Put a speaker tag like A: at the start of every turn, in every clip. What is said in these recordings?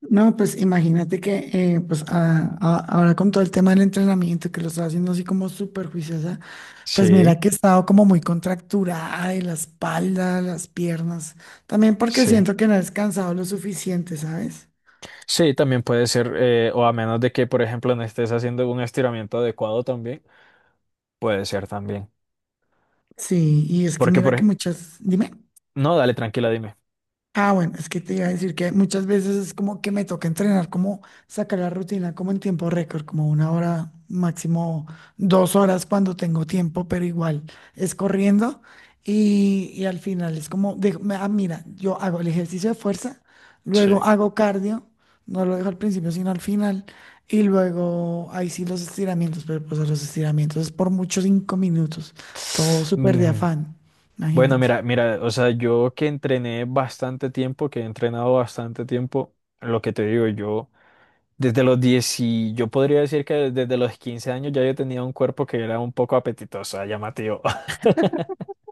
A: No, pues imagínate que pues ahora con todo el tema del entrenamiento que lo estaba haciendo así como súper juiciosa, pues
B: Sí,
A: mira que he estado como muy contracturada de la espalda, las piernas, también porque
B: sí.
A: siento que no he descansado lo suficiente, ¿sabes?
B: Sí, también puede ser, o a menos de que, por ejemplo, no estés haciendo un estiramiento adecuado también, puede ser también.
A: Sí, y es que
B: Porque,
A: mira
B: por
A: que
B: ej-
A: muchas, dime.
B: no, dale, tranquila, dime.
A: Ah, bueno, es que te iba a decir que muchas veces es como que me toca entrenar, como sacar la rutina, como en tiempo récord, como una hora, máximo 2 horas cuando tengo tiempo, pero igual es corriendo y al final es como, ah, mira, yo hago el ejercicio de fuerza,
B: Sí.
A: luego hago cardio, no lo dejo al principio, sino al final, y luego ahí sí los estiramientos, pero pues a los estiramientos es por muchos 5 minutos, todo súper de
B: Mm,
A: afán,
B: Bueno,
A: imagínate.
B: mira, mira, o sea, yo que entrené bastante tiempo, que he entrenado bastante tiempo, lo que te digo, yo desde los 10 y yo podría decir que desde los 15 años ya yo tenía un cuerpo que era un poco apetitoso, llamativo.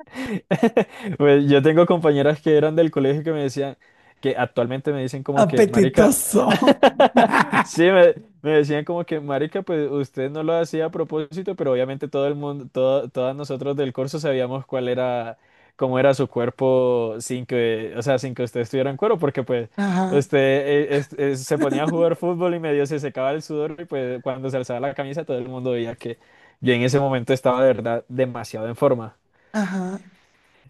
B: Pues yo tengo compañeras que eran del colegio que me decían, que actualmente me dicen como que, marica.
A: Apetitoso.
B: Sí, me decían como que, marica, pues usted no lo hacía a propósito, pero obviamente todo el mundo, todo, todas nosotros del curso sabíamos cuál era, cómo era su cuerpo sin que, o sea, sin que usted estuviera en cuero, porque pues
A: Ajá,
B: usted se ponía a jugar fútbol y medio se secaba el sudor y pues cuando se alzaba la camisa todo el mundo veía que yo en ese momento estaba de verdad demasiado en forma.
A: ajá,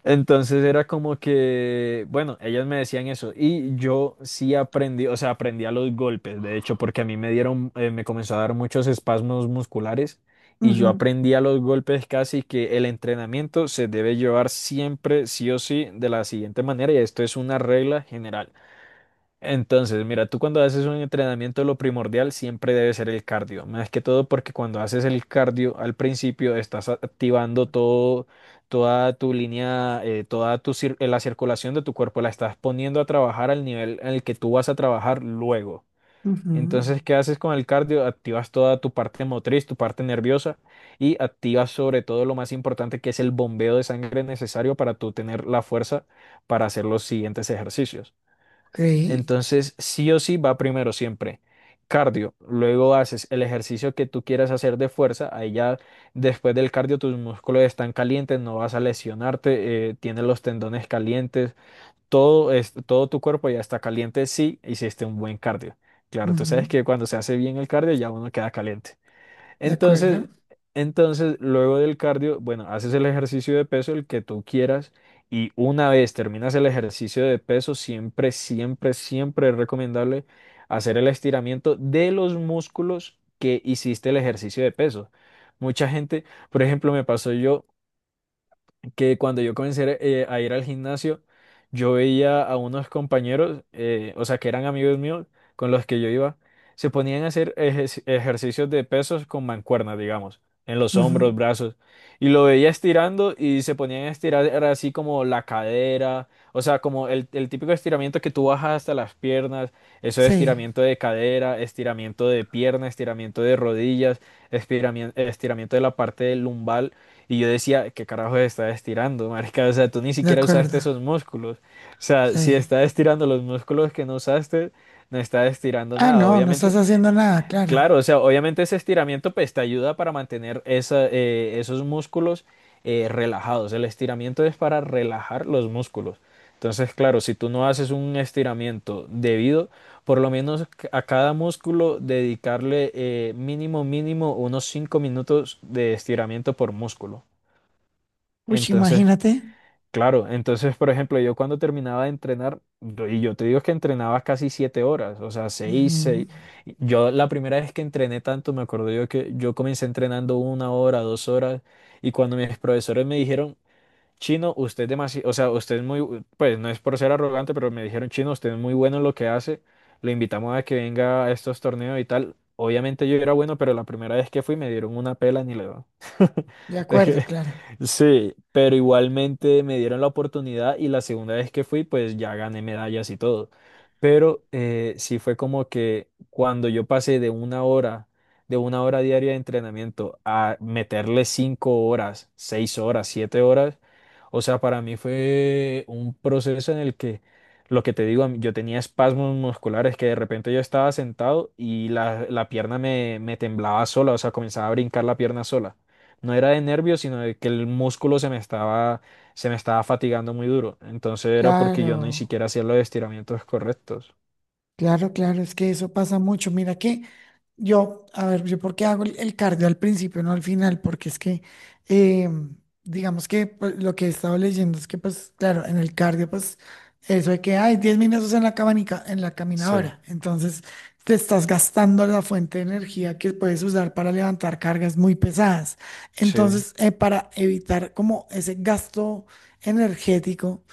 B: Entonces era como que, bueno, ellas me decían eso y yo sí aprendí, o sea, aprendí a los golpes, de hecho, porque a mí me dieron, me comenzó a dar muchos espasmos musculares y
A: ujú,
B: yo aprendí a los golpes casi que el entrenamiento se debe llevar siempre, sí o sí, de la siguiente manera y esto es una regla general. Entonces, mira, tú cuando haces un entrenamiento, lo primordial siempre debe ser el cardio. Más que todo porque cuando haces el cardio al principio estás activando todo, toda tu línea, toda tu la circulación de tu cuerpo, la estás poniendo a trabajar al nivel en el que tú vas a trabajar luego.
A: ujú,
B: Entonces, ¿qué haces con el cardio? Activas toda tu parte motriz, tu parte nerviosa y activas sobre todo lo más importante que es el bombeo de sangre necesario para tú tener la fuerza para hacer los siguientes ejercicios.
A: ok,
B: Entonces, sí o sí va primero siempre. Cardio, luego haces el ejercicio que tú quieras hacer de fuerza, ahí ya después del cardio tus músculos están calientes, no vas a lesionarte, tienes los tendones calientes, todo, es, todo tu cuerpo ya está caliente si hiciste un buen cardio. Claro, tú
A: ujú,
B: sabes que cuando se hace bien el cardio ya uno queda caliente.
A: de acuerdo,
B: Entonces, entonces, luego del cardio, bueno, haces el ejercicio de peso, el que tú quieras, y una vez terminas el ejercicio de peso, siempre, siempre, siempre es recomendable hacer el estiramiento de los músculos que hiciste el ejercicio de peso. Mucha gente, por ejemplo, me pasó yo que cuando yo comencé a ir al gimnasio, yo veía a unos compañeros, o sea, que eran amigos míos con los que yo iba, se ponían a hacer ejercicios de pesos con mancuernas, digamos, en los
A: ujú,
B: hombros, brazos, y lo veía estirando y se ponían a estirar era así como la cadera, o sea, como el típico estiramiento que tú bajas hasta las piernas, eso es
A: sí,
B: estiramiento de cadera, estiramiento de pierna, estiramiento de rodillas, estiramiento, estiramiento de la parte lumbar y yo decía, ¿qué carajo está estirando, marica? O sea, tú ni
A: de
B: siquiera
A: acuerdo,
B: usaste esos músculos. O sea, si
A: sí.
B: estás estirando los músculos que no usaste, no estás estirando
A: Ah,
B: nada,
A: no, no estás
B: obviamente.
A: haciendo nada, claro.
B: Claro, o sea, obviamente ese estiramiento pues te ayuda para mantener esa, esos músculos relajados. El estiramiento es para relajar los músculos. Entonces, claro, si tú no haces un estiramiento debido, por lo menos a cada músculo dedicarle mínimo, mínimo unos 5 minutos de estiramiento por músculo.
A: Uy,
B: Entonces,
A: imagínate.
B: claro, entonces, por ejemplo, yo cuando terminaba de entrenar, y yo te digo que entrenaba casi 7 horas, o sea, seis,
A: Ujú,
B: seis. Yo la primera vez que entrené tanto, me acuerdo yo que yo comencé entrenando 1 hora, 2 horas, y cuando mis profesores me dijeron, Chino, usted es demasiado, o sea, usted es muy, pues no es por ser arrogante, pero me dijeron, Chino, usted es muy bueno en lo que hace, lo invitamos a que venga a estos torneos y tal. Obviamente yo era bueno, pero la primera vez que fui me dieron una pela ni le doy.
A: de
B: Es
A: acuerdo,
B: que-
A: claro,
B: sí, pero igualmente me dieron la oportunidad y la segunda vez que fui, pues ya gané medallas y todo. Pero sí fue como que cuando yo pasé de 1 hora, de 1 hora diaria de entrenamiento a meterle 5 horas, 6 horas, 7 horas, o sea, para mí fue un proceso en el que, lo que te digo, yo tenía espasmos musculares que de repente yo estaba sentado y la pierna me temblaba sola, o sea, comenzaba a brincar la pierna sola. No era de nervios, sino de que el músculo se me estaba fatigando muy duro. Entonces era porque yo ni
A: claro,
B: siquiera hacía los estiramientos correctos.
A: claro, claro, es que eso pasa mucho. Mira que yo, a ver, yo por qué hago el cardio al principio, no al final, porque es que, eh, digamos que pues, lo que he estado leyendo es que, pues, claro, en el cardio, pues, eso de que hay 10 minutos en la cabanica, en la
B: Sí,
A: caminadora, entonces te estás gastando la fuente de energía que puedes usar para levantar cargas muy pesadas.
B: sí,
A: Entonces, para evitar como ese gasto energético,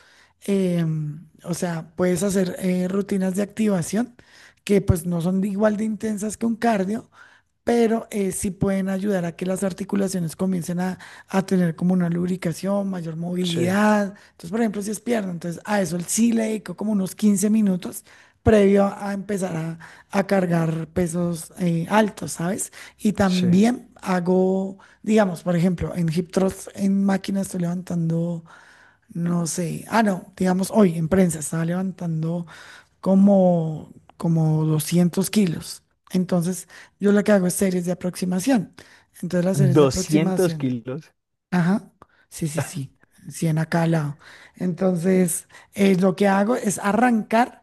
A: o sea, puedes hacer rutinas de activación que pues no son igual de intensas que un cardio, pero sí pueden ayudar a que las articulaciones comiencen a tener como una lubricación, mayor
B: sí,
A: movilidad. Entonces, por ejemplo, si es pierna, entonces a eso sí le dedico como unos 15 minutos previo a empezar a cargar pesos altos, ¿sabes? Y
B: sí.
A: también hago, digamos, por ejemplo, en hip thrust, en máquina estoy levantando no sé. Ah, no, digamos, hoy en prensa estaba levantando como 200 kilos. Entonces, yo lo que hago es series de aproximación. Entonces, las series de
B: Doscientos
A: aproximación.
B: kilos.
A: Ajá. Sí, sí, sí. 100 a cada lado. Entonces, lo que hago es arrancar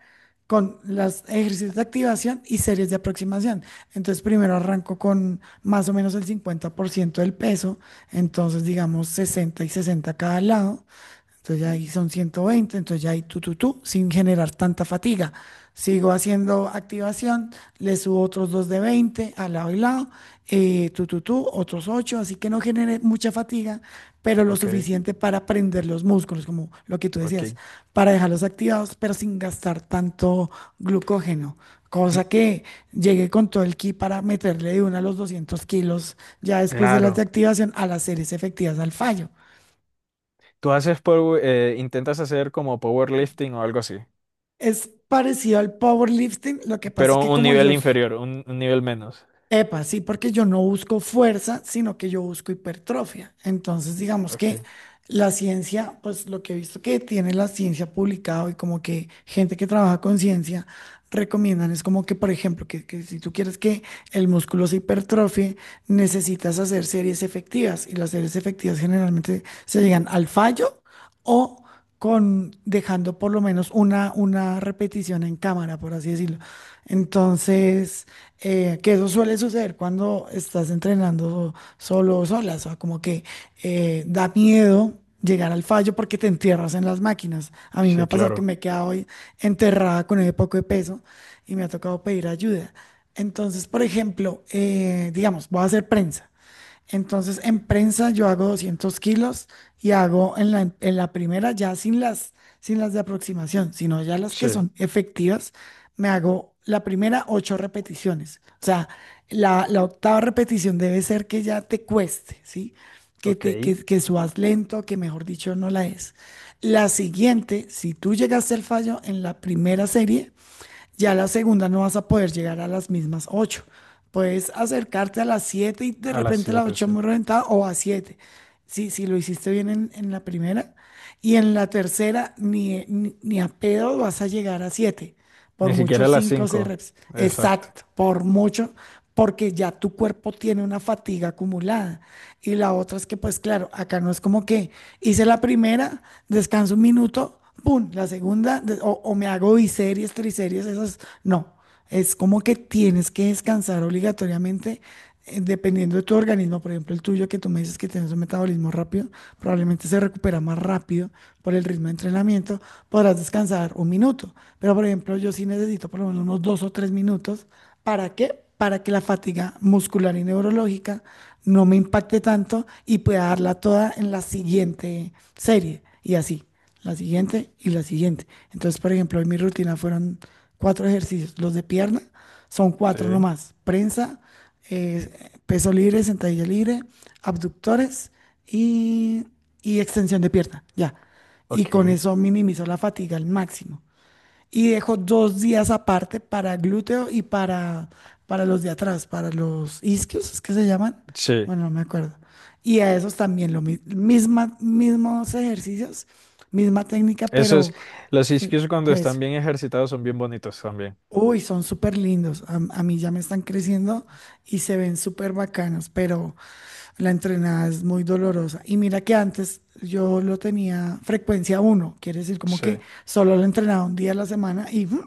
A: con los ejercicios de activación y series de aproximación. Entonces, primero arranco con más o menos el 50% del peso. Entonces, digamos, 60 y 60 a cada lado. Entonces ya ahí son 120, entonces ya ahí tú, tú, tú, sin generar tanta fatiga. Sigo haciendo activación, le subo otros 2 de 20 al lado y lado, tú, tú, tú, otros 8, así que no genere mucha fatiga, pero lo
B: Ok,
A: suficiente para prender los músculos, como lo que tú decías,
B: ok.
A: para dejarlos activados, pero sin gastar tanto glucógeno.
B: M-
A: Cosa que llegue con todo el ki para meterle de una a los 200 kilos ya después de las de
B: claro.
A: activación a las series efectivas al fallo.
B: Tú haces intentas hacer como powerlifting o algo así,
A: Es parecido al powerlifting, lo que pasa es
B: pero
A: que
B: un
A: como yo,
B: nivel inferior, un nivel menos.
A: epa, sí, porque yo no busco fuerza, sino que yo busco hipertrofia. Entonces, digamos
B: Ok.
A: que la ciencia, pues lo que he visto que tiene la ciencia publicado y como que gente que trabaja con ciencia recomiendan es como que, por ejemplo, que si tú quieres que el músculo se hipertrofie, necesitas hacer series efectivas y las series efectivas generalmente se llegan al fallo. O con dejando por lo menos una repetición en cámara, por así decirlo. Entonces, que eso suele suceder cuando estás entrenando solo o sola, o sea, como que da miedo llegar al fallo porque te entierras en las máquinas. A mí me
B: Sí,
A: ha pasado que
B: claro.
A: me he quedado hoy enterrada con el poco de peso y me ha tocado pedir ayuda. Entonces, por ejemplo, digamos, voy a hacer prensa. Entonces, en prensa yo hago 200 kilos y hago en la, primera ya sin las de aproximación, sino ya las que
B: Sí.
A: son efectivas, me hago la primera 8 repeticiones. O sea, la octava repetición debe ser que ya te cueste, ¿sí? Que, te,
B: Ok.
A: que, que subas lento, que mejor dicho no la es. La siguiente, si tú llegaste al fallo en la primera serie, ya la segunda no vas a poder llegar a las mismas ocho. Puedes acercarte a las 7 y de
B: A las
A: repente la
B: siete,
A: 8
B: sí.
A: muy reventada o a siete. Si, si lo hiciste bien en la primera. Y en la tercera, ni a pedo vas a llegar a siete. Por
B: Ni
A: mucho
B: siquiera a las
A: 5 o 6
B: 5.
A: reps.
B: Exacto.
A: Exacto, por mucho, porque ya tu cuerpo tiene una fatiga acumulada. Y la otra es que, pues claro, acá no es como que hice la primera, descanso un minuto, pum, la segunda, o me hago biseries, triseries, esas, no. Es como que tienes que descansar obligatoriamente, dependiendo de tu organismo. Por ejemplo, el tuyo, que tú me dices que tienes un metabolismo rápido, probablemente se recupera más rápido por el ritmo de entrenamiento. Podrás descansar un minuto. Pero, por ejemplo, yo sí necesito por lo menos unos 2 o 3 minutos. ¿Para qué? Para que la fatiga muscular y neurológica no me impacte tanto y pueda darla toda en la siguiente serie. Y así la siguiente y la siguiente. Entonces, por ejemplo, en mi rutina fueron cuatro ejercicios. Los de pierna son cuatro
B: Sí.
A: nomás. Prensa, eh, peso libre, sentadilla libre, abductores y, y extensión de pierna. Ya. Y con
B: Ok.
A: eso minimizo la fatiga al máximo. Y dejo 2 días aparte para glúteo y para los de atrás, para los isquios, ¿es que se llaman?
B: Sí.
A: Bueno, no me acuerdo. Y a esos también lo mismos ejercicios, misma técnica,
B: Eso es.
A: pero
B: Los isquios cuando
A: eso.
B: están bien ejercitados son bien bonitos también.
A: Uy, son súper lindos. A mí ya me están creciendo y se ven súper bacanos, pero la entrenada es muy dolorosa. Y mira que antes yo lo tenía frecuencia uno, quiere decir como
B: Sí.
A: que solo lo entrenaba un día a la semana y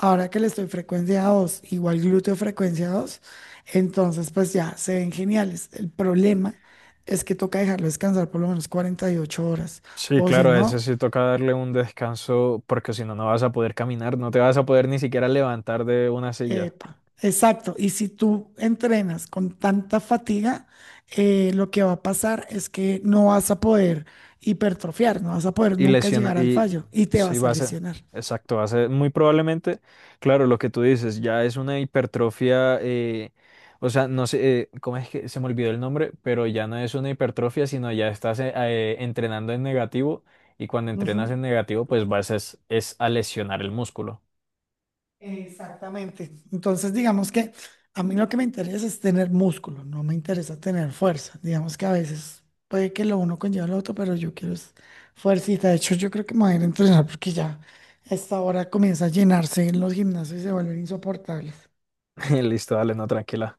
A: ahora que le estoy frecuencia 2, igual glúteo frecuencia 2, entonces pues ya se ven geniales. El problema es que toca dejarlo descansar por lo menos 48 horas,
B: Sí,
A: o si
B: claro, a ese
A: no,
B: sí toca darle un descanso porque si no, no vas a poder caminar, no te vas a poder ni siquiera levantar de una silla.
A: epa, exacto. Y si tú entrenas con tanta fatiga, lo que va a pasar es que no vas a poder hipertrofiar, no vas a poder
B: Y
A: nunca
B: lesiona,
A: llegar al
B: y
A: fallo y te
B: sí
A: vas a
B: va a ser,
A: lesionar.
B: exacto, va a ser muy probablemente, claro, lo que tú dices, ya es una hipertrofia, o sea, no sé, ¿cómo es que se me olvidó el nombre? Pero ya no es una hipertrofia, sino ya estás entrenando en negativo y cuando entrenas en
A: Ujú.
B: negativo, pues vas es a lesionar el músculo.
A: Exactamente. Entonces, digamos que a mí lo que me interesa es tener músculo, no me interesa tener fuerza. Digamos que a veces puede que lo uno conlleva lo otro, pero yo quiero es fuercita. De hecho, yo creo que me voy a ir a entrenar porque ya a esta hora comienza a llenarse en los gimnasios y se vuelven insoportables.
B: Listo, dale, no, tranquila.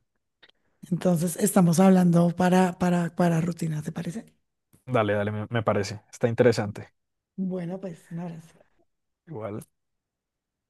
A: Entonces, estamos hablando para rutinas, ¿te parece?
B: Dale, dale, me parece, está interesante.
A: Bueno, pues nada.
B: Igual.